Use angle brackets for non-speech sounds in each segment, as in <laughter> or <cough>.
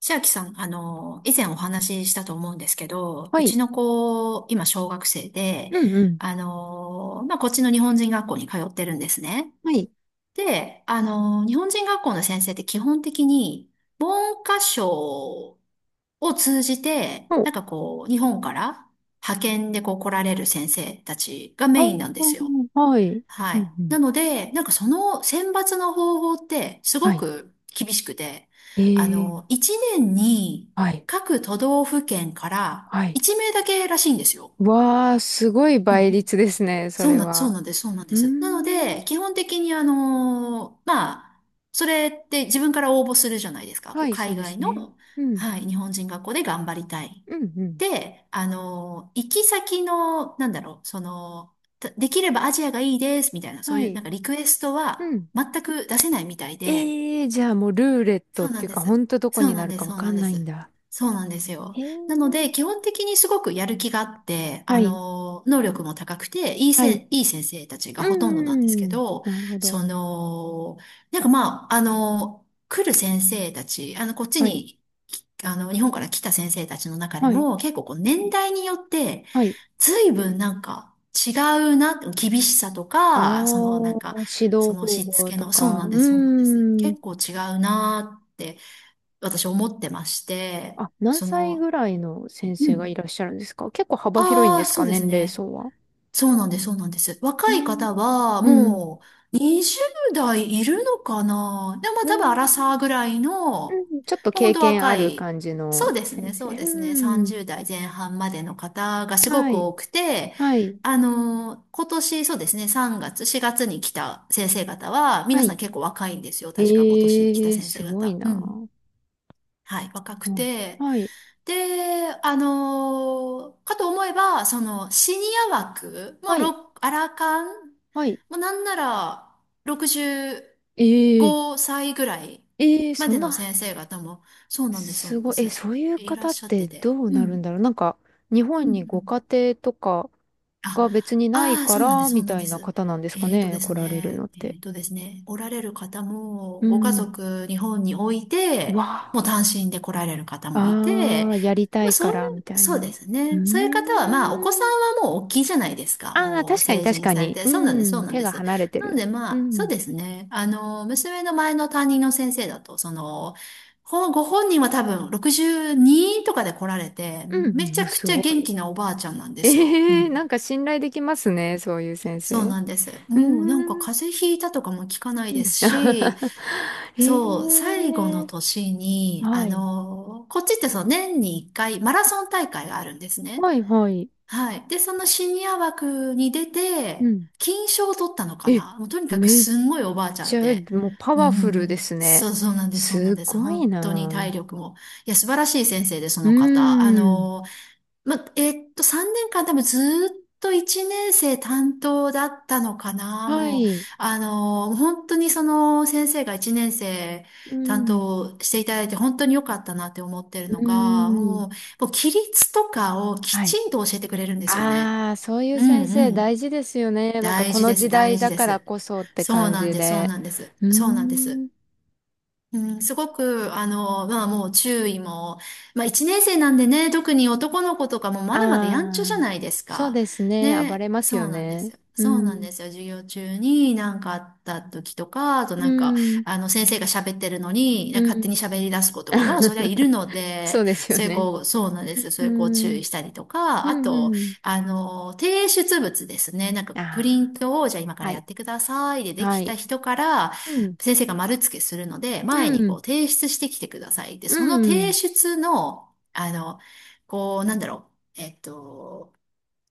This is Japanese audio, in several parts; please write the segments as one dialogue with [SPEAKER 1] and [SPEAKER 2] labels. [SPEAKER 1] 千秋さん、以前お話ししたと思うんですけど、
[SPEAKER 2] は
[SPEAKER 1] う
[SPEAKER 2] い。
[SPEAKER 1] ちの子、今小学生で、
[SPEAKER 2] うんうん。
[SPEAKER 1] こっちの日本人学校に通ってるんですね。
[SPEAKER 2] はい。
[SPEAKER 1] で、あの、日本人学校の先生って基本的に、文科省を通じて、
[SPEAKER 2] お、
[SPEAKER 1] 日本から派遣でこう来られる先生たちが
[SPEAKER 2] あ
[SPEAKER 1] メインなんですよ。
[SPEAKER 2] あ、はい。
[SPEAKER 1] は
[SPEAKER 2] うん
[SPEAKER 1] い。
[SPEAKER 2] うん。
[SPEAKER 1] なので、その選抜の方法ってす
[SPEAKER 2] は
[SPEAKER 1] ご
[SPEAKER 2] い。
[SPEAKER 1] く厳しくて、
[SPEAKER 2] ええ、
[SPEAKER 1] 1年に
[SPEAKER 2] はい。
[SPEAKER 1] 各都道府県から
[SPEAKER 2] はい。
[SPEAKER 1] 1名だけらしいんですよ。
[SPEAKER 2] わあ、すごい
[SPEAKER 1] うんう
[SPEAKER 2] 倍
[SPEAKER 1] ん。
[SPEAKER 2] 率ですね、それ
[SPEAKER 1] そう
[SPEAKER 2] は。
[SPEAKER 1] なんです、そうなん
[SPEAKER 2] う
[SPEAKER 1] で
[SPEAKER 2] ー
[SPEAKER 1] す。なの
[SPEAKER 2] ん。
[SPEAKER 1] で、基本的にそれって自分から応募するじゃないですか。こ
[SPEAKER 2] は
[SPEAKER 1] う
[SPEAKER 2] い、そう
[SPEAKER 1] 海
[SPEAKER 2] で
[SPEAKER 1] 外
[SPEAKER 2] すね。
[SPEAKER 1] の、
[SPEAKER 2] うん。
[SPEAKER 1] はい、日本人学校で頑張りたい。
[SPEAKER 2] うんうん。
[SPEAKER 1] で、あのー行き先の、できればアジアがいいです、みたいな、そう
[SPEAKER 2] は
[SPEAKER 1] いうな
[SPEAKER 2] い。
[SPEAKER 1] んかリクエストは
[SPEAKER 2] うん。
[SPEAKER 1] 全く出せないみたいで、
[SPEAKER 2] ええ、じゃあもうルーレット
[SPEAKER 1] そ
[SPEAKER 2] っ
[SPEAKER 1] うな
[SPEAKER 2] て
[SPEAKER 1] ん
[SPEAKER 2] いう
[SPEAKER 1] で
[SPEAKER 2] か、ほ
[SPEAKER 1] す。
[SPEAKER 2] んとどこ
[SPEAKER 1] そう
[SPEAKER 2] にな
[SPEAKER 1] なん
[SPEAKER 2] る
[SPEAKER 1] で
[SPEAKER 2] か
[SPEAKER 1] す。
[SPEAKER 2] わ
[SPEAKER 1] そう
[SPEAKER 2] か
[SPEAKER 1] なん
[SPEAKER 2] ん
[SPEAKER 1] で
[SPEAKER 2] ないん
[SPEAKER 1] す。
[SPEAKER 2] だ。
[SPEAKER 1] そうなんですよ。
[SPEAKER 2] へ
[SPEAKER 1] なので、
[SPEAKER 2] え。
[SPEAKER 1] 基本的にすごくやる気があって、
[SPEAKER 2] はい。
[SPEAKER 1] 能力も高くて、いい
[SPEAKER 2] は
[SPEAKER 1] せ
[SPEAKER 2] い。
[SPEAKER 1] ん、いい先生たちが
[SPEAKER 2] う
[SPEAKER 1] ほとんど
[SPEAKER 2] ん
[SPEAKER 1] なんですけ
[SPEAKER 2] うんうん。
[SPEAKER 1] ど、
[SPEAKER 2] なるほど。
[SPEAKER 1] その、なんかまあ、あの、来る先生たち、こっち
[SPEAKER 2] はい。
[SPEAKER 1] に、きあの、日本から来た先生たちの中で
[SPEAKER 2] はい。
[SPEAKER 1] も、結構こう、年代によって、
[SPEAKER 2] はい。
[SPEAKER 1] 随分なんか違うな、厳しさと
[SPEAKER 2] ああ、
[SPEAKER 1] か、
[SPEAKER 2] 指
[SPEAKER 1] そ
[SPEAKER 2] 導
[SPEAKER 1] の
[SPEAKER 2] 方
[SPEAKER 1] しつ
[SPEAKER 2] 法
[SPEAKER 1] け
[SPEAKER 2] と
[SPEAKER 1] の、そう
[SPEAKER 2] か。
[SPEAKER 1] な
[SPEAKER 2] う
[SPEAKER 1] んです、そうなんです。
[SPEAKER 2] ーん。
[SPEAKER 1] 結構違うなって私思ってまして、
[SPEAKER 2] あ、何
[SPEAKER 1] そ
[SPEAKER 2] 歳
[SPEAKER 1] の、
[SPEAKER 2] ぐらいの先
[SPEAKER 1] う
[SPEAKER 2] 生がい
[SPEAKER 1] ん、
[SPEAKER 2] らっしゃるんですか？結構幅広いん
[SPEAKER 1] あ
[SPEAKER 2] で
[SPEAKER 1] あ、
[SPEAKER 2] す
[SPEAKER 1] そ
[SPEAKER 2] か、
[SPEAKER 1] うです
[SPEAKER 2] 年齢
[SPEAKER 1] ね。
[SPEAKER 2] 層は？
[SPEAKER 1] そうなんです、そうなんです。
[SPEAKER 2] う
[SPEAKER 1] 若
[SPEAKER 2] ー
[SPEAKER 1] い
[SPEAKER 2] ん。
[SPEAKER 1] 方は、
[SPEAKER 2] うん。
[SPEAKER 1] もう、20代いるのかな。でも、
[SPEAKER 2] うー
[SPEAKER 1] 多分、アラ
[SPEAKER 2] ん。
[SPEAKER 1] サーぐらいの、
[SPEAKER 2] う
[SPEAKER 1] も
[SPEAKER 2] ん、ちょっと
[SPEAKER 1] う本
[SPEAKER 2] 経
[SPEAKER 1] 当
[SPEAKER 2] 験あ
[SPEAKER 1] 若
[SPEAKER 2] る
[SPEAKER 1] い、
[SPEAKER 2] 感じ
[SPEAKER 1] そう
[SPEAKER 2] の
[SPEAKER 1] です
[SPEAKER 2] 先
[SPEAKER 1] ね、
[SPEAKER 2] 生。
[SPEAKER 1] そうですね、
[SPEAKER 2] うん。
[SPEAKER 1] 30代前半までの方がすご
[SPEAKER 2] は
[SPEAKER 1] く
[SPEAKER 2] い。
[SPEAKER 1] 多くて、
[SPEAKER 2] はい。
[SPEAKER 1] 今年、そうですね、3月、4月に来た先生方は、
[SPEAKER 2] は
[SPEAKER 1] 皆さ
[SPEAKER 2] い。
[SPEAKER 1] ん結構若いんですよ。確か今年来た
[SPEAKER 2] ええー、
[SPEAKER 1] 先
[SPEAKER 2] す
[SPEAKER 1] 生
[SPEAKER 2] ごい
[SPEAKER 1] 方。
[SPEAKER 2] な。
[SPEAKER 1] うん。
[SPEAKER 2] は
[SPEAKER 1] はい、若く
[SPEAKER 2] い。
[SPEAKER 1] て。
[SPEAKER 2] はい。
[SPEAKER 1] で、あのーかと思えば、シニア枠、も
[SPEAKER 2] は
[SPEAKER 1] う、
[SPEAKER 2] い。
[SPEAKER 1] ろアラカン、
[SPEAKER 2] はい。
[SPEAKER 1] もうなんなら、65
[SPEAKER 2] ええ
[SPEAKER 1] 歳ぐらい
[SPEAKER 2] ー、ええー、
[SPEAKER 1] ま
[SPEAKER 2] そ
[SPEAKER 1] で
[SPEAKER 2] ん
[SPEAKER 1] の
[SPEAKER 2] な
[SPEAKER 1] 先生方も、そうなんです、そう
[SPEAKER 2] す
[SPEAKER 1] なんで
[SPEAKER 2] ごい。え、
[SPEAKER 1] す。
[SPEAKER 2] そういう
[SPEAKER 1] いらっ
[SPEAKER 2] 方っ
[SPEAKER 1] しゃって
[SPEAKER 2] て
[SPEAKER 1] て。
[SPEAKER 2] どう
[SPEAKER 1] う
[SPEAKER 2] なるん
[SPEAKER 1] ん。
[SPEAKER 2] だろう。なんか、日
[SPEAKER 1] うん
[SPEAKER 2] 本に
[SPEAKER 1] う
[SPEAKER 2] ご家
[SPEAKER 1] ん。
[SPEAKER 2] 庭とかが別
[SPEAKER 1] あ、
[SPEAKER 2] にない
[SPEAKER 1] ああ、
[SPEAKER 2] か
[SPEAKER 1] そうなんで
[SPEAKER 2] ら、
[SPEAKER 1] す、そ
[SPEAKER 2] み
[SPEAKER 1] うなん
[SPEAKER 2] た
[SPEAKER 1] で
[SPEAKER 2] いな
[SPEAKER 1] す。
[SPEAKER 2] 方なんです
[SPEAKER 1] え
[SPEAKER 2] か
[SPEAKER 1] ーと
[SPEAKER 2] ね、
[SPEAKER 1] で
[SPEAKER 2] 来
[SPEAKER 1] す
[SPEAKER 2] られるの
[SPEAKER 1] ね、
[SPEAKER 2] っ
[SPEAKER 1] え
[SPEAKER 2] て。
[SPEAKER 1] ーとですね、おられる方も、
[SPEAKER 2] う
[SPEAKER 1] ご家
[SPEAKER 2] ん。
[SPEAKER 1] 族、日本において、
[SPEAKER 2] わ
[SPEAKER 1] もう単
[SPEAKER 2] あ。
[SPEAKER 1] 身で来られる方もい
[SPEAKER 2] あ
[SPEAKER 1] て、
[SPEAKER 2] あ、やりた
[SPEAKER 1] まあ
[SPEAKER 2] い
[SPEAKER 1] そ
[SPEAKER 2] か
[SPEAKER 1] うい
[SPEAKER 2] ら、み
[SPEAKER 1] う、
[SPEAKER 2] たい
[SPEAKER 1] そうで
[SPEAKER 2] な。
[SPEAKER 1] す
[SPEAKER 2] う
[SPEAKER 1] ね。そういう方
[SPEAKER 2] ー
[SPEAKER 1] は、まあお子さ
[SPEAKER 2] ん。
[SPEAKER 1] んはもう大きいじゃないですか。
[SPEAKER 2] ああ、
[SPEAKER 1] もう
[SPEAKER 2] 確かに
[SPEAKER 1] 成
[SPEAKER 2] 確
[SPEAKER 1] 人
[SPEAKER 2] か
[SPEAKER 1] され
[SPEAKER 2] に。
[SPEAKER 1] て。
[SPEAKER 2] う
[SPEAKER 1] そうなんです、そ
[SPEAKER 2] ん。
[SPEAKER 1] うなん
[SPEAKER 2] 手
[SPEAKER 1] で
[SPEAKER 2] が
[SPEAKER 1] す。
[SPEAKER 2] 離れて
[SPEAKER 1] なの
[SPEAKER 2] る。
[SPEAKER 1] で
[SPEAKER 2] う
[SPEAKER 1] まあ、そう
[SPEAKER 2] ん。
[SPEAKER 1] ですね。娘の前の担任の先生だと、ご本人は多分62とかで来られて、
[SPEAKER 2] う
[SPEAKER 1] め
[SPEAKER 2] ん。
[SPEAKER 1] ち
[SPEAKER 2] うん、
[SPEAKER 1] ゃく
[SPEAKER 2] す
[SPEAKER 1] ちゃ
[SPEAKER 2] ご
[SPEAKER 1] 元
[SPEAKER 2] い。
[SPEAKER 1] 気なおばあちゃんなんですよ。う
[SPEAKER 2] ええ、
[SPEAKER 1] ん。
[SPEAKER 2] なんか信頼できますね、そういう先
[SPEAKER 1] そう
[SPEAKER 2] 生。う
[SPEAKER 1] なんです。
[SPEAKER 2] ー
[SPEAKER 1] もうなんか
[SPEAKER 2] ん。
[SPEAKER 1] 風邪ひいたとかも聞かない
[SPEAKER 2] う
[SPEAKER 1] で
[SPEAKER 2] ん。
[SPEAKER 1] すし、
[SPEAKER 2] <laughs> え
[SPEAKER 1] そう、最後の
[SPEAKER 2] え、
[SPEAKER 1] 年に、
[SPEAKER 2] はい。
[SPEAKER 1] こっちってそう、年に一回マラソン大会があるんですね。
[SPEAKER 2] はいはい。
[SPEAKER 1] はい。で、そのシニア枠に出
[SPEAKER 2] う
[SPEAKER 1] て、
[SPEAKER 2] ん。
[SPEAKER 1] 金賞を取ったのか
[SPEAKER 2] え、
[SPEAKER 1] な。もうとにかく
[SPEAKER 2] めっ
[SPEAKER 1] すんごいおばあちゃ
[SPEAKER 2] ち
[SPEAKER 1] ん
[SPEAKER 2] ゃ、
[SPEAKER 1] で。
[SPEAKER 2] もうパ
[SPEAKER 1] うん
[SPEAKER 2] ワ
[SPEAKER 1] う
[SPEAKER 2] フ
[SPEAKER 1] んう
[SPEAKER 2] ルで
[SPEAKER 1] ん。
[SPEAKER 2] すね。
[SPEAKER 1] そうそうなんです、そうなん
[SPEAKER 2] す
[SPEAKER 1] です。
[SPEAKER 2] ごい
[SPEAKER 1] 本当に体
[SPEAKER 2] なあ。
[SPEAKER 1] 力も。いや、素晴らしい先生で、そ
[SPEAKER 2] う
[SPEAKER 1] の方。
[SPEAKER 2] ーん。
[SPEAKER 1] 3年間多分ずーっと1年生担当だったのかな。
[SPEAKER 2] は
[SPEAKER 1] もう、
[SPEAKER 2] い。
[SPEAKER 1] 本当にその先生が1年生
[SPEAKER 2] う
[SPEAKER 1] 担
[SPEAKER 2] ん。
[SPEAKER 1] 当していただいて本当に良かったなって思ってる
[SPEAKER 2] う
[SPEAKER 1] の
[SPEAKER 2] ー
[SPEAKER 1] が、
[SPEAKER 2] ん。
[SPEAKER 1] もう規律とかをき
[SPEAKER 2] はい。
[SPEAKER 1] ちんと教えてくれるんですよね。
[SPEAKER 2] ああ、そういう
[SPEAKER 1] うん
[SPEAKER 2] 先
[SPEAKER 1] う
[SPEAKER 2] 生
[SPEAKER 1] ん。
[SPEAKER 2] 大事ですよね。なんか
[SPEAKER 1] 大
[SPEAKER 2] こ
[SPEAKER 1] 事
[SPEAKER 2] の
[SPEAKER 1] で
[SPEAKER 2] 時
[SPEAKER 1] す、大
[SPEAKER 2] 代
[SPEAKER 1] 事
[SPEAKER 2] だ
[SPEAKER 1] で
[SPEAKER 2] から
[SPEAKER 1] す。
[SPEAKER 2] こそって
[SPEAKER 1] そう
[SPEAKER 2] 感
[SPEAKER 1] なん
[SPEAKER 2] じ
[SPEAKER 1] です、そう
[SPEAKER 2] で。
[SPEAKER 1] なんです。
[SPEAKER 2] うー
[SPEAKER 1] そうなんです。
[SPEAKER 2] ん。
[SPEAKER 1] うん、すごく、まあもう注意も、まあ一年生なんでね、特に男の子とかもまだまだやんちゃ
[SPEAKER 2] あ
[SPEAKER 1] じゃ
[SPEAKER 2] あ、
[SPEAKER 1] ないです
[SPEAKER 2] そう
[SPEAKER 1] か。
[SPEAKER 2] ですね。暴
[SPEAKER 1] ね、
[SPEAKER 2] れます
[SPEAKER 1] そ
[SPEAKER 2] よ
[SPEAKER 1] うなんで
[SPEAKER 2] ね。
[SPEAKER 1] すよ。
[SPEAKER 2] う
[SPEAKER 1] そうなん
[SPEAKER 2] ん。
[SPEAKER 1] ですよ。授業中に何かあった時とか、あと
[SPEAKER 2] う
[SPEAKER 1] なんか、
[SPEAKER 2] ん。
[SPEAKER 1] あの先生が喋ってるのに、
[SPEAKER 2] う
[SPEAKER 1] 勝手に
[SPEAKER 2] ん。
[SPEAKER 1] 喋り出す子とかも、そりゃいる
[SPEAKER 2] <laughs>
[SPEAKER 1] の
[SPEAKER 2] そ
[SPEAKER 1] で、
[SPEAKER 2] うですよ
[SPEAKER 1] そういう
[SPEAKER 2] ね。
[SPEAKER 1] 子、そうなんですよ。そ
[SPEAKER 2] う
[SPEAKER 1] ういう子を注
[SPEAKER 2] ん。
[SPEAKER 1] 意したりと
[SPEAKER 2] う
[SPEAKER 1] か、あ
[SPEAKER 2] ん
[SPEAKER 1] と、
[SPEAKER 2] うん。
[SPEAKER 1] 提出物ですね。プリ
[SPEAKER 2] あ
[SPEAKER 1] ントを、じゃあ今か
[SPEAKER 2] あ、
[SPEAKER 1] ら
[SPEAKER 2] は
[SPEAKER 1] や
[SPEAKER 2] い。
[SPEAKER 1] ってくださいでで
[SPEAKER 2] は
[SPEAKER 1] きた
[SPEAKER 2] い。
[SPEAKER 1] 人から、
[SPEAKER 2] うん。
[SPEAKER 1] 先生が丸付けするので、
[SPEAKER 2] う
[SPEAKER 1] 前にこ
[SPEAKER 2] ん。
[SPEAKER 1] う提出してきてください。で、
[SPEAKER 2] う
[SPEAKER 1] その提
[SPEAKER 2] ん。
[SPEAKER 1] 出の、こう、なんだろう、えっと、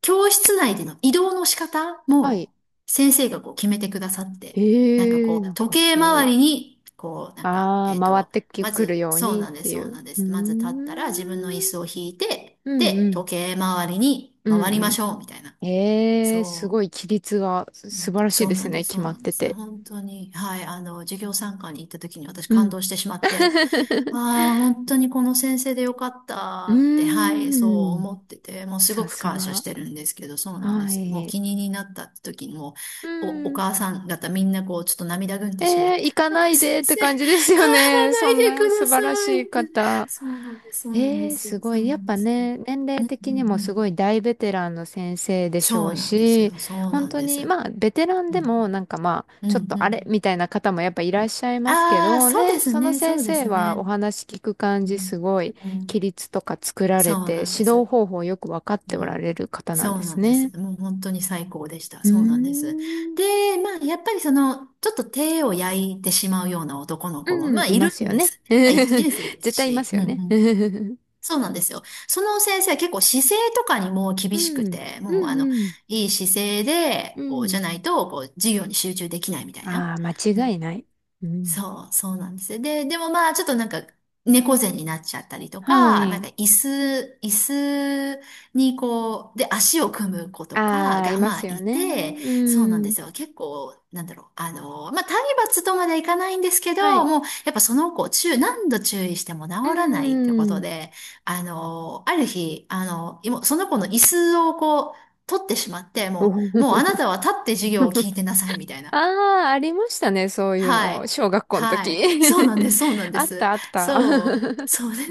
[SPEAKER 1] 教室内での移動の仕方
[SPEAKER 2] はい。
[SPEAKER 1] も先生がこう決めてくださって、
[SPEAKER 2] へえ、なん
[SPEAKER 1] 時
[SPEAKER 2] か
[SPEAKER 1] 計
[SPEAKER 2] すご
[SPEAKER 1] 回
[SPEAKER 2] い。
[SPEAKER 1] りに、
[SPEAKER 2] ああ、回ってき
[SPEAKER 1] ま
[SPEAKER 2] くる
[SPEAKER 1] ず、
[SPEAKER 2] よう
[SPEAKER 1] そう
[SPEAKER 2] にっ
[SPEAKER 1] なんで
[SPEAKER 2] て
[SPEAKER 1] す、
[SPEAKER 2] い
[SPEAKER 1] そう
[SPEAKER 2] う。
[SPEAKER 1] なんで
[SPEAKER 2] うー
[SPEAKER 1] す。まず立ったら自分の椅
[SPEAKER 2] ん。
[SPEAKER 1] 子を引いて、
[SPEAKER 2] うん
[SPEAKER 1] で、
[SPEAKER 2] うん。
[SPEAKER 1] 時計回りに
[SPEAKER 2] うん
[SPEAKER 1] 回り
[SPEAKER 2] う
[SPEAKER 1] まし
[SPEAKER 2] ん。
[SPEAKER 1] ょう、みたいな。
[SPEAKER 2] ええ、す
[SPEAKER 1] そ
[SPEAKER 2] ごい
[SPEAKER 1] う。
[SPEAKER 2] 規律がす
[SPEAKER 1] う
[SPEAKER 2] 素
[SPEAKER 1] ん。
[SPEAKER 2] 晴らしい
[SPEAKER 1] そ
[SPEAKER 2] で
[SPEAKER 1] うな
[SPEAKER 2] す
[SPEAKER 1] んで
[SPEAKER 2] ね。
[SPEAKER 1] す、
[SPEAKER 2] 決
[SPEAKER 1] そう
[SPEAKER 2] まっ
[SPEAKER 1] なんで
[SPEAKER 2] て
[SPEAKER 1] す。
[SPEAKER 2] て。
[SPEAKER 1] 本当に、はい、授業参観に行った時に私
[SPEAKER 2] う
[SPEAKER 1] 感
[SPEAKER 2] ん。
[SPEAKER 1] 動してしまって、
[SPEAKER 2] <laughs>
[SPEAKER 1] ああ、本当にこの先生でよかったって、
[SPEAKER 2] う
[SPEAKER 1] はい、そ
[SPEAKER 2] ー
[SPEAKER 1] う
[SPEAKER 2] ん。
[SPEAKER 1] 思ってて、もうすご
[SPEAKER 2] さ
[SPEAKER 1] く
[SPEAKER 2] す
[SPEAKER 1] 感謝し
[SPEAKER 2] が。
[SPEAKER 1] てるんですけど、そうなんで
[SPEAKER 2] は
[SPEAKER 1] す。もう
[SPEAKER 2] い。
[SPEAKER 1] 気になった時にもう、
[SPEAKER 2] う
[SPEAKER 1] お
[SPEAKER 2] ん。
[SPEAKER 1] 母さん方みんなこう、ちょっと涙ぐん
[SPEAKER 2] え
[SPEAKER 1] でしまっ
[SPEAKER 2] ー、
[SPEAKER 1] て、
[SPEAKER 2] 行か
[SPEAKER 1] あ
[SPEAKER 2] な
[SPEAKER 1] あ、
[SPEAKER 2] い
[SPEAKER 1] 先
[SPEAKER 2] でって
[SPEAKER 1] 生、帰ら
[SPEAKER 2] 感じですよね。
[SPEAKER 1] な
[SPEAKER 2] そん
[SPEAKER 1] いで
[SPEAKER 2] な
[SPEAKER 1] くだ
[SPEAKER 2] 素晴らし
[SPEAKER 1] さい
[SPEAKER 2] い
[SPEAKER 1] って、
[SPEAKER 2] 方。
[SPEAKER 1] そうなんです、そうなんで
[SPEAKER 2] えー、
[SPEAKER 1] す、
[SPEAKER 2] すご
[SPEAKER 1] そうな
[SPEAKER 2] い。やっ
[SPEAKER 1] んで
[SPEAKER 2] ぱ
[SPEAKER 1] す。
[SPEAKER 2] ね、年
[SPEAKER 1] う
[SPEAKER 2] 齢
[SPEAKER 1] んうん
[SPEAKER 2] 的にも
[SPEAKER 1] う
[SPEAKER 2] すご
[SPEAKER 1] ん、
[SPEAKER 2] い大ベテランの先生でしょ
[SPEAKER 1] そ
[SPEAKER 2] う
[SPEAKER 1] うなんです
[SPEAKER 2] し、
[SPEAKER 1] よ、そう
[SPEAKER 2] 本
[SPEAKER 1] なん
[SPEAKER 2] 当
[SPEAKER 1] で
[SPEAKER 2] に、
[SPEAKER 1] す。
[SPEAKER 2] まあ、ベテラン
[SPEAKER 1] う
[SPEAKER 2] で
[SPEAKER 1] ん、
[SPEAKER 2] も、なんかまあ、
[SPEAKER 1] う
[SPEAKER 2] ちょっ
[SPEAKER 1] ん、
[SPEAKER 2] と
[SPEAKER 1] う
[SPEAKER 2] あれ
[SPEAKER 1] ん。
[SPEAKER 2] みたいな方もやっぱいらっしゃいますけ
[SPEAKER 1] ああ、
[SPEAKER 2] ど、
[SPEAKER 1] そう
[SPEAKER 2] ね、
[SPEAKER 1] です
[SPEAKER 2] その
[SPEAKER 1] ね、そ
[SPEAKER 2] 先
[SPEAKER 1] うで
[SPEAKER 2] 生
[SPEAKER 1] す
[SPEAKER 2] はお
[SPEAKER 1] ね。
[SPEAKER 2] 話聞く感
[SPEAKER 1] う
[SPEAKER 2] じ、す
[SPEAKER 1] ん、
[SPEAKER 2] ごい、
[SPEAKER 1] う
[SPEAKER 2] 規
[SPEAKER 1] ん、
[SPEAKER 2] 律とか作られ
[SPEAKER 1] そう
[SPEAKER 2] て、
[SPEAKER 1] なんで
[SPEAKER 2] 指導
[SPEAKER 1] す。
[SPEAKER 2] 方法よくわかっ
[SPEAKER 1] う
[SPEAKER 2] ておら
[SPEAKER 1] ん、
[SPEAKER 2] れる方なん
[SPEAKER 1] そ
[SPEAKER 2] で
[SPEAKER 1] うな
[SPEAKER 2] す
[SPEAKER 1] んです。
[SPEAKER 2] ね。
[SPEAKER 1] もう本当に最高でした。
[SPEAKER 2] うー
[SPEAKER 1] そうなんです。
[SPEAKER 2] ん。
[SPEAKER 1] で、まあ、やっぱりその、ちょっと手を焼いてしまうような男の子も、
[SPEAKER 2] うん、
[SPEAKER 1] まあ、
[SPEAKER 2] い
[SPEAKER 1] い
[SPEAKER 2] ま
[SPEAKER 1] る
[SPEAKER 2] す
[SPEAKER 1] ん
[SPEAKER 2] よ
[SPEAKER 1] で
[SPEAKER 2] ね。
[SPEAKER 1] すね。まあ、一
[SPEAKER 2] <laughs>
[SPEAKER 1] 年生です
[SPEAKER 2] 絶対いま
[SPEAKER 1] し。
[SPEAKER 2] す
[SPEAKER 1] うん
[SPEAKER 2] よ
[SPEAKER 1] う
[SPEAKER 2] ね。<laughs> う
[SPEAKER 1] ん、
[SPEAKER 2] ん、
[SPEAKER 1] そうなんですよ。その先生は結構姿勢とかにも厳
[SPEAKER 2] う
[SPEAKER 1] しく
[SPEAKER 2] ん、
[SPEAKER 1] て、もうあの、
[SPEAKER 2] うん、
[SPEAKER 1] いい姿勢で、
[SPEAKER 2] う
[SPEAKER 1] こう、じゃ
[SPEAKER 2] ん。
[SPEAKER 1] ないと、こう、授業に集中できないみたいな。
[SPEAKER 2] ああ、間違いない。うん。
[SPEAKER 1] そう、そうなんですよ。で、でもまあ、ちょっとなんか、猫背になっちゃったりと
[SPEAKER 2] は
[SPEAKER 1] か、
[SPEAKER 2] い。
[SPEAKER 1] 椅子にこう、で、足を組む子とか
[SPEAKER 2] ああ、い
[SPEAKER 1] が
[SPEAKER 2] ま
[SPEAKER 1] ま
[SPEAKER 2] す
[SPEAKER 1] あ
[SPEAKER 2] よ
[SPEAKER 1] い
[SPEAKER 2] ね。
[SPEAKER 1] て、
[SPEAKER 2] う
[SPEAKER 1] そうなんで
[SPEAKER 2] ん。
[SPEAKER 1] すよ。結構、体罰とまでいかないんですけ
[SPEAKER 2] は
[SPEAKER 1] ど、
[SPEAKER 2] い。
[SPEAKER 1] もう、やっぱその子、何度注意しても治
[SPEAKER 2] う
[SPEAKER 1] らないってこと
[SPEAKER 2] ん。
[SPEAKER 1] で、ある日、今その子の椅子をこう、取ってしまって、もう
[SPEAKER 2] お。
[SPEAKER 1] あなたは立って授業を
[SPEAKER 2] <laughs>
[SPEAKER 1] 聞いてなさいみたいな。
[SPEAKER 2] ああ、ありましたね。そういう
[SPEAKER 1] はい。
[SPEAKER 2] の。小学校の
[SPEAKER 1] はい。
[SPEAKER 2] 時。
[SPEAKER 1] そうなんです。そうなん
[SPEAKER 2] <laughs>
[SPEAKER 1] で
[SPEAKER 2] あっ
[SPEAKER 1] す。
[SPEAKER 2] た、あった。
[SPEAKER 1] そう。そうね。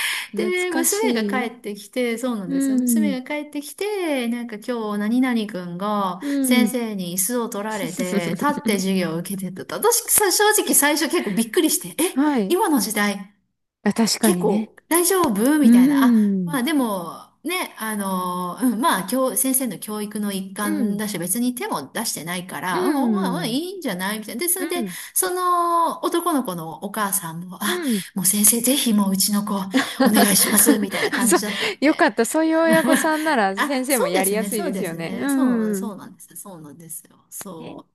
[SPEAKER 2] <laughs> 懐
[SPEAKER 1] で、
[SPEAKER 2] か
[SPEAKER 1] 娘が
[SPEAKER 2] しい。
[SPEAKER 1] 帰ってきて、そうなんですよ。
[SPEAKER 2] うん。
[SPEAKER 1] 娘が帰ってきて、今日何々くんが
[SPEAKER 2] う
[SPEAKER 1] 先
[SPEAKER 2] ん。
[SPEAKER 1] 生に椅子を取られて、立って
[SPEAKER 2] <laughs>
[SPEAKER 1] 授業を受けてたと。私、正直最初結構びっくりして、え、
[SPEAKER 2] はい。
[SPEAKER 1] 今の時代、
[SPEAKER 2] あ、確か
[SPEAKER 1] 結
[SPEAKER 2] にね。
[SPEAKER 1] 構大丈夫
[SPEAKER 2] う
[SPEAKER 1] みたいな。あ、ま
[SPEAKER 2] ん。
[SPEAKER 1] あでも、ね、うん、まあ、先生の教育の一
[SPEAKER 2] う
[SPEAKER 1] 環
[SPEAKER 2] ん。
[SPEAKER 1] だし、別に手も出してないか
[SPEAKER 2] う
[SPEAKER 1] ら、うん、まあ、まあ、い
[SPEAKER 2] ん。
[SPEAKER 1] いんじゃないみたいな。で、それ
[SPEAKER 2] う
[SPEAKER 1] で、
[SPEAKER 2] ん。
[SPEAKER 1] その男の子のお母さんも、あ、
[SPEAKER 2] うん。
[SPEAKER 1] もう先生、ぜひもううちの子、お願いします、みたい
[SPEAKER 2] <laughs>
[SPEAKER 1] な
[SPEAKER 2] あ
[SPEAKER 1] 感
[SPEAKER 2] そう、
[SPEAKER 1] じだったん
[SPEAKER 2] よ
[SPEAKER 1] で。
[SPEAKER 2] かった。そういう親御さんな
[SPEAKER 1] <laughs>
[SPEAKER 2] ら先
[SPEAKER 1] あ、
[SPEAKER 2] 生も
[SPEAKER 1] そう
[SPEAKER 2] や
[SPEAKER 1] で
[SPEAKER 2] り
[SPEAKER 1] す
[SPEAKER 2] や
[SPEAKER 1] ね、
[SPEAKER 2] すい
[SPEAKER 1] そう
[SPEAKER 2] です
[SPEAKER 1] で
[SPEAKER 2] よ
[SPEAKER 1] す
[SPEAKER 2] ね。う
[SPEAKER 1] ね。そう、
[SPEAKER 2] ん。
[SPEAKER 1] そうなんです。そうなんですよ。
[SPEAKER 2] えー
[SPEAKER 1] そ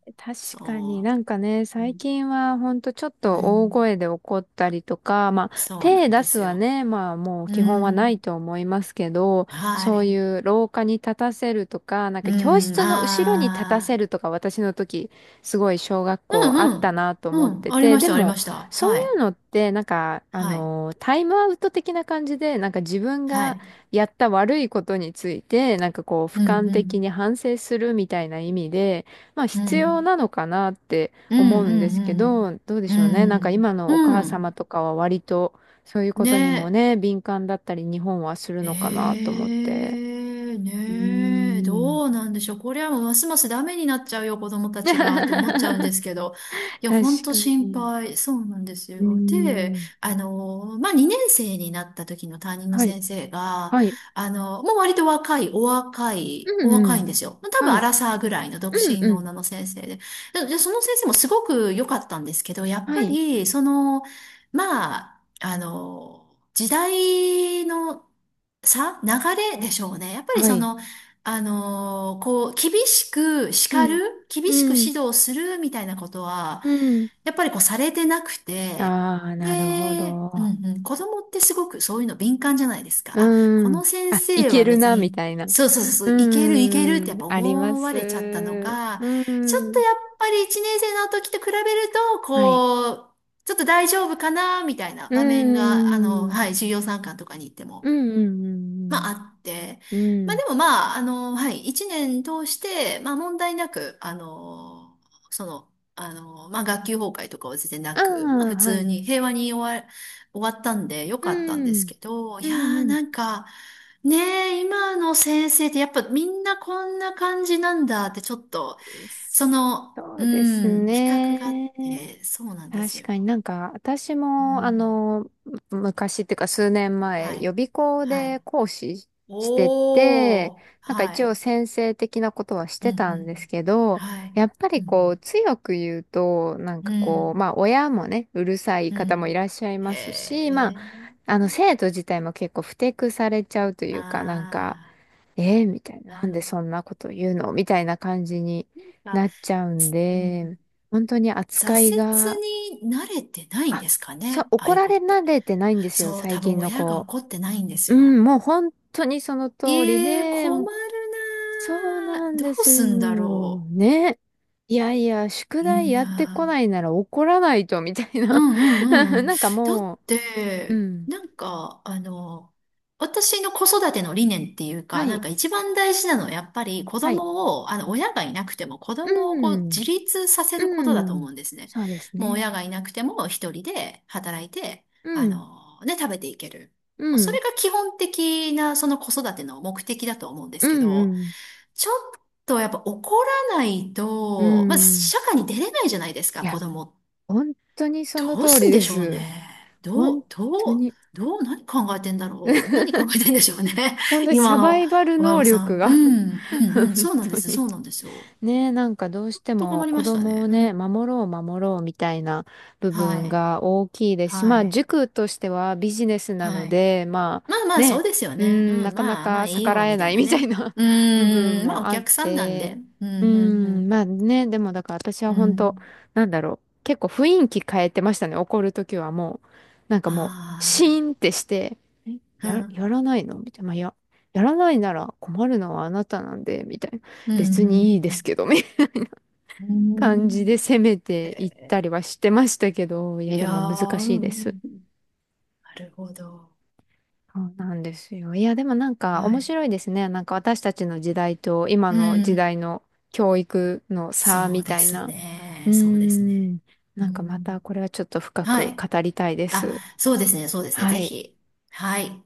[SPEAKER 1] う、
[SPEAKER 2] 確かに
[SPEAKER 1] そ
[SPEAKER 2] なんかね、
[SPEAKER 1] う、う
[SPEAKER 2] 最
[SPEAKER 1] ん、
[SPEAKER 2] 近はほんとちょっ
[SPEAKER 1] う
[SPEAKER 2] と大
[SPEAKER 1] ん。
[SPEAKER 2] 声で怒ったりとか、まあ
[SPEAKER 1] そうな
[SPEAKER 2] 手
[SPEAKER 1] ん
[SPEAKER 2] 出
[SPEAKER 1] で
[SPEAKER 2] す
[SPEAKER 1] す
[SPEAKER 2] は
[SPEAKER 1] よ。
[SPEAKER 2] ね、まあもう
[SPEAKER 1] う
[SPEAKER 2] 基本はな
[SPEAKER 1] ん、
[SPEAKER 2] いと思いますけど、
[SPEAKER 1] は
[SPEAKER 2] そうい
[SPEAKER 1] い。
[SPEAKER 2] う廊下に立たせるとか、なん
[SPEAKER 1] う
[SPEAKER 2] か教
[SPEAKER 1] ん、
[SPEAKER 2] 室の後ろに立たせ
[SPEAKER 1] あ
[SPEAKER 2] るとか、私の時すごい小学
[SPEAKER 1] あ、う
[SPEAKER 2] 校
[SPEAKER 1] ん
[SPEAKER 2] あったなと思
[SPEAKER 1] うん、
[SPEAKER 2] っ
[SPEAKER 1] うん、
[SPEAKER 2] て
[SPEAKER 1] あり
[SPEAKER 2] て、
[SPEAKER 1] まし
[SPEAKER 2] で
[SPEAKER 1] た、ありま
[SPEAKER 2] も
[SPEAKER 1] した。
[SPEAKER 2] そうい
[SPEAKER 1] はい、
[SPEAKER 2] うのってなんかあ
[SPEAKER 1] はい、
[SPEAKER 2] の、タイムアウト的な感じで、なんか自分
[SPEAKER 1] は
[SPEAKER 2] が
[SPEAKER 1] い。
[SPEAKER 2] やった悪いことについて、なんかこう俯
[SPEAKER 1] うん、
[SPEAKER 2] 瞰
[SPEAKER 1] う
[SPEAKER 2] 的
[SPEAKER 1] ん、
[SPEAKER 2] に反省するみたいな意味で、まあ
[SPEAKER 1] う
[SPEAKER 2] 必要
[SPEAKER 1] ん、
[SPEAKER 2] なのかなって
[SPEAKER 1] う
[SPEAKER 2] 思
[SPEAKER 1] ん、
[SPEAKER 2] うんですけ
[SPEAKER 1] うん、
[SPEAKER 2] ど、どうで
[SPEAKER 1] うん、
[SPEAKER 2] しょうね。なんか今のお
[SPEAKER 1] う
[SPEAKER 2] 母
[SPEAKER 1] ん、う
[SPEAKER 2] 様とかは割とそういう
[SPEAKER 1] ん
[SPEAKER 2] ことにも
[SPEAKER 1] ね、
[SPEAKER 2] ね、敏感だったり日本はする
[SPEAKER 1] え
[SPEAKER 2] のかなと思って。
[SPEAKER 1] え、
[SPEAKER 2] うー
[SPEAKER 1] ねえ、
[SPEAKER 2] ん、
[SPEAKER 1] どうなんでしょう。これはもうますますダメになっちゃうよ、子供た
[SPEAKER 2] <laughs>
[SPEAKER 1] ちがって思っちゃうん
[SPEAKER 2] 確
[SPEAKER 1] ですけど。いや、
[SPEAKER 2] か
[SPEAKER 1] ほんと心
[SPEAKER 2] に。
[SPEAKER 1] 配。そうなんです
[SPEAKER 2] うー
[SPEAKER 1] よ。で、
[SPEAKER 2] ん。
[SPEAKER 1] まあ、2年生になった時の担任の
[SPEAKER 2] はい。
[SPEAKER 1] 先生が、
[SPEAKER 2] はい。
[SPEAKER 1] もう割と若い、お若い、
[SPEAKER 2] う
[SPEAKER 1] お
[SPEAKER 2] んう
[SPEAKER 1] 若いん
[SPEAKER 2] ん。
[SPEAKER 1] ですよ。多
[SPEAKER 2] は
[SPEAKER 1] 分ア
[SPEAKER 2] い。
[SPEAKER 1] ラサーぐらいの独
[SPEAKER 2] うん
[SPEAKER 1] 身
[SPEAKER 2] う
[SPEAKER 1] の
[SPEAKER 2] ん。
[SPEAKER 1] 女の先生で。でその先生もすごく良かったんですけど、やっ
[SPEAKER 2] は
[SPEAKER 1] ぱ
[SPEAKER 2] い。
[SPEAKER 1] り、まあ、時代の流れでしょうね。やっぱり
[SPEAKER 2] はい。
[SPEAKER 1] こう、厳しく
[SPEAKER 2] う
[SPEAKER 1] 叱
[SPEAKER 2] ん。
[SPEAKER 1] る、厳しく
[SPEAKER 2] うん。
[SPEAKER 1] 指導するみたいなことは、
[SPEAKER 2] うん。
[SPEAKER 1] やっぱりこうされてなく
[SPEAKER 2] あ
[SPEAKER 1] て、
[SPEAKER 2] あ、なるほ
[SPEAKER 1] で、う
[SPEAKER 2] ど。
[SPEAKER 1] んうん、子供ってすごくそういうの敏感じゃないですか。あ、こ
[SPEAKER 2] う
[SPEAKER 1] の
[SPEAKER 2] ん。
[SPEAKER 1] 先
[SPEAKER 2] あ、い
[SPEAKER 1] 生
[SPEAKER 2] け
[SPEAKER 1] は
[SPEAKER 2] る
[SPEAKER 1] 別
[SPEAKER 2] な、み
[SPEAKER 1] に、
[SPEAKER 2] たいな。
[SPEAKER 1] そうそうそう、そ
[SPEAKER 2] う
[SPEAKER 1] ういけるいけるってやっ
[SPEAKER 2] ん。
[SPEAKER 1] ぱ
[SPEAKER 2] ありま
[SPEAKER 1] 思わ
[SPEAKER 2] す。
[SPEAKER 1] れちゃったのか、
[SPEAKER 2] う
[SPEAKER 1] ちょっと
[SPEAKER 2] ん。
[SPEAKER 1] やっぱり1年生の時と比べると、
[SPEAKER 2] はい。
[SPEAKER 1] こう、ちょっと大丈夫かなみたいな
[SPEAKER 2] う
[SPEAKER 1] 場面が、はい、
[SPEAKER 2] ん。
[SPEAKER 1] 授業参観とかに行って
[SPEAKER 2] う
[SPEAKER 1] も。ま
[SPEAKER 2] ん、う
[SPEAKER 1] あ、
[SPEAKER 2] ん、
[SPEAKER 1] あって、
[SPEAKER 2] うん。う
[SPEAKER 1] ま
[SPEAKER 2] ん。
[SPEAKER 1] あで
[SPEAKER 2] う、
[SPEAKER 1] もまあ、はい、一年通して、まあ問題なく、その、まあ学級崩壊とかは全然な
[SPEAKER 2] あ
[SPEAKER 1] く、まあ
[SPEAKER 2] あ、
[SPEAKER 1] 普
[SPEAKER 2] は
[SPEAKER 1] 通
[SPEAKER 2] い。
[SPEAKER 1] に平和に終わったんでよ
[SPEAKER 2] う
[SPEAKER 1] かったんです
[SPEAKER 2] ん。
[SPEAKER 1] けど、い
[SPEAKER 2] う
[SPEAKER 1] や
[SPEAKER 2] ん、う
[SPEAKER 1] ー
[SPEAKER 2] ん。
[SPEAKER 1] なんか、ねえ、今の先生ってやっぱみんなこんな感じなんだってちょっと、
[SPEAKER 2] そ
[SPEAKER 1] う
[SPEAKER 2] うです
[SPEAKER 1] ん、比較があっ
[SPEAKER 2] ね。
[SPEAKER 1] て、そうなんです
[SPEAKER 2] 確かに
[SPEAKER 1] よ。
[SPEAKER 2] なんか、私
[SPEAKER 1] う
[SPEAKER 2] も、あ
[SPEAKER 1] ん、
[SPEAKER 2] の、昔っていうか数年
[SPEAKER 1] は
[SPEAKER 2] 前、
[SPEAKER 1] い、
[SPEAKER 2] 予備校
[SPEAKER 1] は
[SPEAKER 2] で
[SPEAKER 1] い。
[SPEAKER 2] 講師して
[SPEAKER 1] お
[SPEAKER 2] て、
[SPEAKER 1] ー、
[SPEAKER 2] なんか
[SPEAKER 1] は
[SPEAKER 2] 一
[SPEAKER 1] い。
[SPEAKER 2] 応先生的なことはし
[SPEAKER 1] うん
[SPEAKER 2] て
[SPEAKER 1] う
[SPEAKER 2] たんです
[SPEAKER 1] ん。
[SPEAKER 2] けど、
[SPEAKER 1] はい。
[SPEAKER 2] やっぱ
[SPEAKER 1] う
[SPEAKER 2] りこ
[SPEAKER 1] ん。
[SPEAKER 2] う、強く言うと、なん
[SPEAKER 1] う
[SPEAKER 2] かこう、
[SPEAKER 1] ん。
[SPEAKER 2] まあ親もね、うるさい
[SPEAKER 1] う
[SPEAKER 2] 方もい
[SPEAKER 1] ん。
[SPEAKER 2] らっしゃい
[SPEAKER 1] へ
[SPEAKER 2] ますし、まあ、
[SPEAKER 1] え。
[SPEAKER 2] あの、生徒自体も結構不適されちゃうというか、なんか、
[SPEAKER 1] あ
[SPEAKER 2] えー、みたい
[SPEAKER 1] ー
[SPEAKER 2] な、なん
[SPEAKER 1] あ。
[SPEAKER 2] でそんなこと言うのみたいな感じに
[SPEAKER 1] なん
[SPEAKER 2] な
[SPEAKER 1] か、
[SPEAKER 2] っちゃうん
[SPEAKER 1] うんうん
[SPEAKER 2] で、本当に扱
[SPEAKER 1] 挫
[SPEAKER 2] いが、
[SPEAKER 1] 折に慣れてないん
[SPEAKER 2] あ、
[SPEAKER 1] ですか
[SPEAKER 2] そう、
[SPEAKER 1] ね、ああ
[SPEAKER 2] 怒
[SPEAKER 1] いう
[SPEAKER 2] ら
[SPEAKER 1] 子っ
[SPEAKER 2] れ
[SPEAKER 1] て。
[SPEAKER 2] 慣れてないんですよ、
[SPEAKER 1] そう、多
[SPEAKER 2] 最
[SPEAKER 1] 分
[SPEAKER 2] 近の
[SPEAKER 1] 親が
[SPEAKER 2] 子。
[SPEAKER 1] 怒ってないんです
[SPEAKER 2] う
[SPEAKER 1] よ。
[SPEAKER 2] ん、もう本当にその通り
[SPEAKER 1] ええ、
[SPEAKER 2] で、
[SPEAKER 1] 困る
[SPEAKER 2] そう
[SPEAKER 1] なあ。
[SPEAKER 2] なん
[SPEAKER 1] ど
[SPEAKER 2] で
[SPEAKER 1] う
[SPEAKER 2] す
[SPEAKER 1] す
[SPEAKER 2] よ。
[SPEAKER 1] んだろ
[SPEAKER 2] ね。いやいや、宿
[SPEAKER 1] う。
[SPEAKER 2] 題
[SPEAKER 1] い
[SPEAKER 2] や
[SPEAKER 1] や
[SPEAKER 2] ってこな
[SPEAKER 1] ー
[SPEAKER 2] いなら怒らないと、みたい
[SPEAKER 1] う
[SPEAKER 2] な。
[SPEAKER 1] んう
[SPEAKER 2] <laughs>
[SPEAKER 1] んうん。
[SPEAKER 2] なんか
[SPEAKER 1] だっ
[SPEAKER 2] もう、う
[SPEAKER 1] て、
[SPEAKER 2] ん。
[SPEAKER 1] なんか、私の子育ての理念っていう
[SPEAKER 2] は
[SPEAKER 1] か、なん
[SPEAKER 2] い、
[SPEAKER 1] か一番大事なのはやっぱり子
[SPEAKER 2] はい。
[SPEAKER 1] 供を、親がいなくても子供を
[SPEAKER 2] う
[SPEAKER 1] こう
[SPEAKER 2] ん、
[SPEAKER 1] 自立させることだ
[SPEAKER 2] う
[SPEAKER 1] と思
[SPEAKER 2] ん。
[SPEAKER 1] うんですね。
[SPEAKER 2] そうです
[SPEAKER 1] もう
[SPEAKER 2] ね。
[SPEAKER 1] 親がいなくても一人で働いて、
[SPEAKER 2] うん、
[SPEAKER 1] ね、食べていける。
[SPEAKER 2] う
[SPEAKER 1] もうそ
[SPEAKER 2] ん、
[SPEAKER 1] れが基本的なその子育ての目的だと思うんで
[SPEAKER 2] う
[SPEAKER 1] すけ
[SPEAKER 2] ん、う
[SPEAKER 1] ど、
[SPEAKER 2] ん。
[SPEAKER 1] ちょっとやっぱ怒らない
[SPEAKER 2] う
[SPEAKER 1] と、まず
[SPEAKER 2] ん。
[SPEAKER 1] 社会に出れないじゃないですか、
[SPEAKER 2] い
[SPEAKER 1] 子
[SPEAKER 2] や、
[SPEAKER 1] 供って
[SPEAKER 2] 本当にその
[SPEAKER 1] どう
[SPEAKER 2] 通
[SPEAKER 1] す
[SPEAKER 2] り
[SPEAKER 1] んで
[SPEAKER 2] で
[SPEAKER 1] しょう
[SPEAKER 2] す。
[SPEAKER 1] ね。ど
[SPEAKER 2] 本
[SPEAKER 1] う、
[SPEAKER 2] 当
[SPEAKER 1] どう、
[SPEAKER 2] に。
[SPEAKER 1] どう、何考えてんだろう。何考えてんでしょうね。
[SPEAKER 2] 本
[SPEAKER 1] <laughs>
[SPEAKER 2] 当に
[SPEAKER 1] 今
[SPEAKER 2] サバ
[SPEAKER 1] の
[SPEAKER 2] イバル
[SPEAKER 1] 親
[SPEAKER 2] 能
[SPEAKER 1] 御さ
[SPEAKER 2] 力
[SPEAKER 1] ん。う
[SPEAKER 2] が。
[SPEAKER 1] ん、う
[SPEAKER 2] <laughs>
[SPEAKER 1] ん、うん。
[SPEAKER 2] 本
[SPEAKER 1] そうなんで
[SPEAKER 2] 当
[SPEAKER 1] す。
[SPEAKER 2] に
[SPEAKER 1] そうなんですよ。
[SPEAKER 2] ねえ、なんかどうして
[SPEAKER 1] と困
[SPEAKER 2] も
[SPEAKER 1] り
[SPEAKER 2] 子
[SPEAKER 1] ました
[SPEAKER 2] 供
[SPEAKER 1] ね。
[SPEAKER 2] を
[SPEAKER 1] う
[SPEAKER 2] ね、
[SPEAKER 1] ん。
[SPEAKER 2] 守ろう守ろうみたいな部
[SPEAKER 1] は
[SPEAKER 2] 分
[SPEAKER 1] い。
[SPEAKER 2] が大きいですし、ま
[SPEAKER 1] は
[SPEAKER 2] あ
[SPEAKER 1] い。
[SPEAKER 2] 塾としてはビジネスな
[SPEAKER 1] は
[SPEAKER 2] の
[SPEAKER 1] い。
[SPEAKER 2] で、まあ
[SPEAKER 1] まあまあ、そ
[SPEAKER 2] ね、
[SPEAKER 1] うですよ
[SPEAKER 2] うー
[SPEAKER 1] ね。
[SPEAKER 2] ん、
[SPEAKER 1] う
[SPEAKER 2] な
[SPEAKER 1] ん。
[SPEAKER 2] かな
[SPEAKER 1] まあまあ、
[SPEAKER 2] か
[SPEAKER 1] いい
[SPEAKER 2] 逆ら
[SPEAKER 1] よ、
[SPEAKER 2] え
[SPEAKER 1] みた
[SPEAKER 2] な
[SPEAKER 1] い
[SPEAKER 2] い <laughs>
[SPEAKER 1] な
[SPEAKER 2] みたい
[SPEAKER 1] ね。
[SPEAKER 2] な
[SPEAKER 1] う
[SPEAKER 2] <laughs> 部分
[SPEAKER 1] ーん。まあ、
[SPEAKER 2] も
[SPEAKER 1] お
[SPEAKER 2] あっ
[SPEAKER 1] 客さんなん
[SPEAKER 2] て、
[SPEAKER 1] で。う
[SPEAKER 2] うー
[SPEAKER 1] ん、うん、う
[SPEAKER 2] ん、
[SPEAKER 1] ん。
[SPEAKER 2] まあね、でもだから私は
[SPEAKER 1] う
[SPEAKER 2] 本当、
[SPEAKER 1] ん。
[SPEAKER 2] なんだろう、結構雰囲気変えてましたね、怒るときはもう。なんかもう、シ
[SPEAKER 1] あ
[SPEAKER 2] ーンってして、え、
[SPEAKER 1] あ。う
[SPEAKER 2] や
[SPEAKER 1] ん。
[SPEAKER 2] らないのみたいな、まあ、やらないなら困るのはあなたなんで、みたいな。
[SPEAKER 1] う
[SPEAKER 2] 別
[SPEAKER 1] ん、
[SPEAKER 2] にいいで
[SPEAKER 1] う
[SPEAKER 2] す
[SPEAKER 1] ん。
[SPEAKER 2] けど、みたいな
[SPEAKER 1] うん。う
[SPEAKER 2] 感じ
[SPEAKER 1] ん
[SPEAKER 2] で攻め
[SPEAKER 1] へ
[SPEAKER 2] ていった
[SPEAKER 1] え
[SPEAKER 2] りはしてましたけど、いや、
[SPEAKER 1] い
[SPEAKER 2] で
[SPEAKER 1] や
[SPEAKER 2] も難
[SPEAKER 1] ー、う
[SPEAKER 2] し
[SPEAKER 1] ん。
[SPEAKER 2] いです。
[SPEAKER 1] うんなるほど。
[SPEAKER 2] そうなんですよ。いや、でもなんか
[SPEAKER 1] は
[SPEAKER 2] 面
[SPEAKER 1] い。
[SPEAKER 2] 白いですね。なんか私たちの時代と今
[SPEAKER 1] う
[SPEAKER 2] の時
[SPEAKER 1] ん、
[SPEAKER 2] 代の教育の差
[SPEAKER 1] そう
[SPEAKER 2] み
[SPEAKER 1] で
[SPEAKER 2] たい
[SPEAKER 1] す
[SPEAKER 2] な。うー
[SPEAKER 1] ね。そうですね。
[SPEAKER 2] ん。な
[SPEAKER 1] う
[SPEAKER 2] んかまた
[SPEAKER 1] ん、
[SPEAKER 2] これはちょっと深
[SPEAKER 1] は
[SPEAKER 2] く
[SPEAKER 1] い。
[SPEAKER 2] 語りたいです。
[SPEAKER 1] あ、そうですね。そうですね。ぜ
[SPEAKER 2] はい。
[SPEAKER 1] ひ。はい。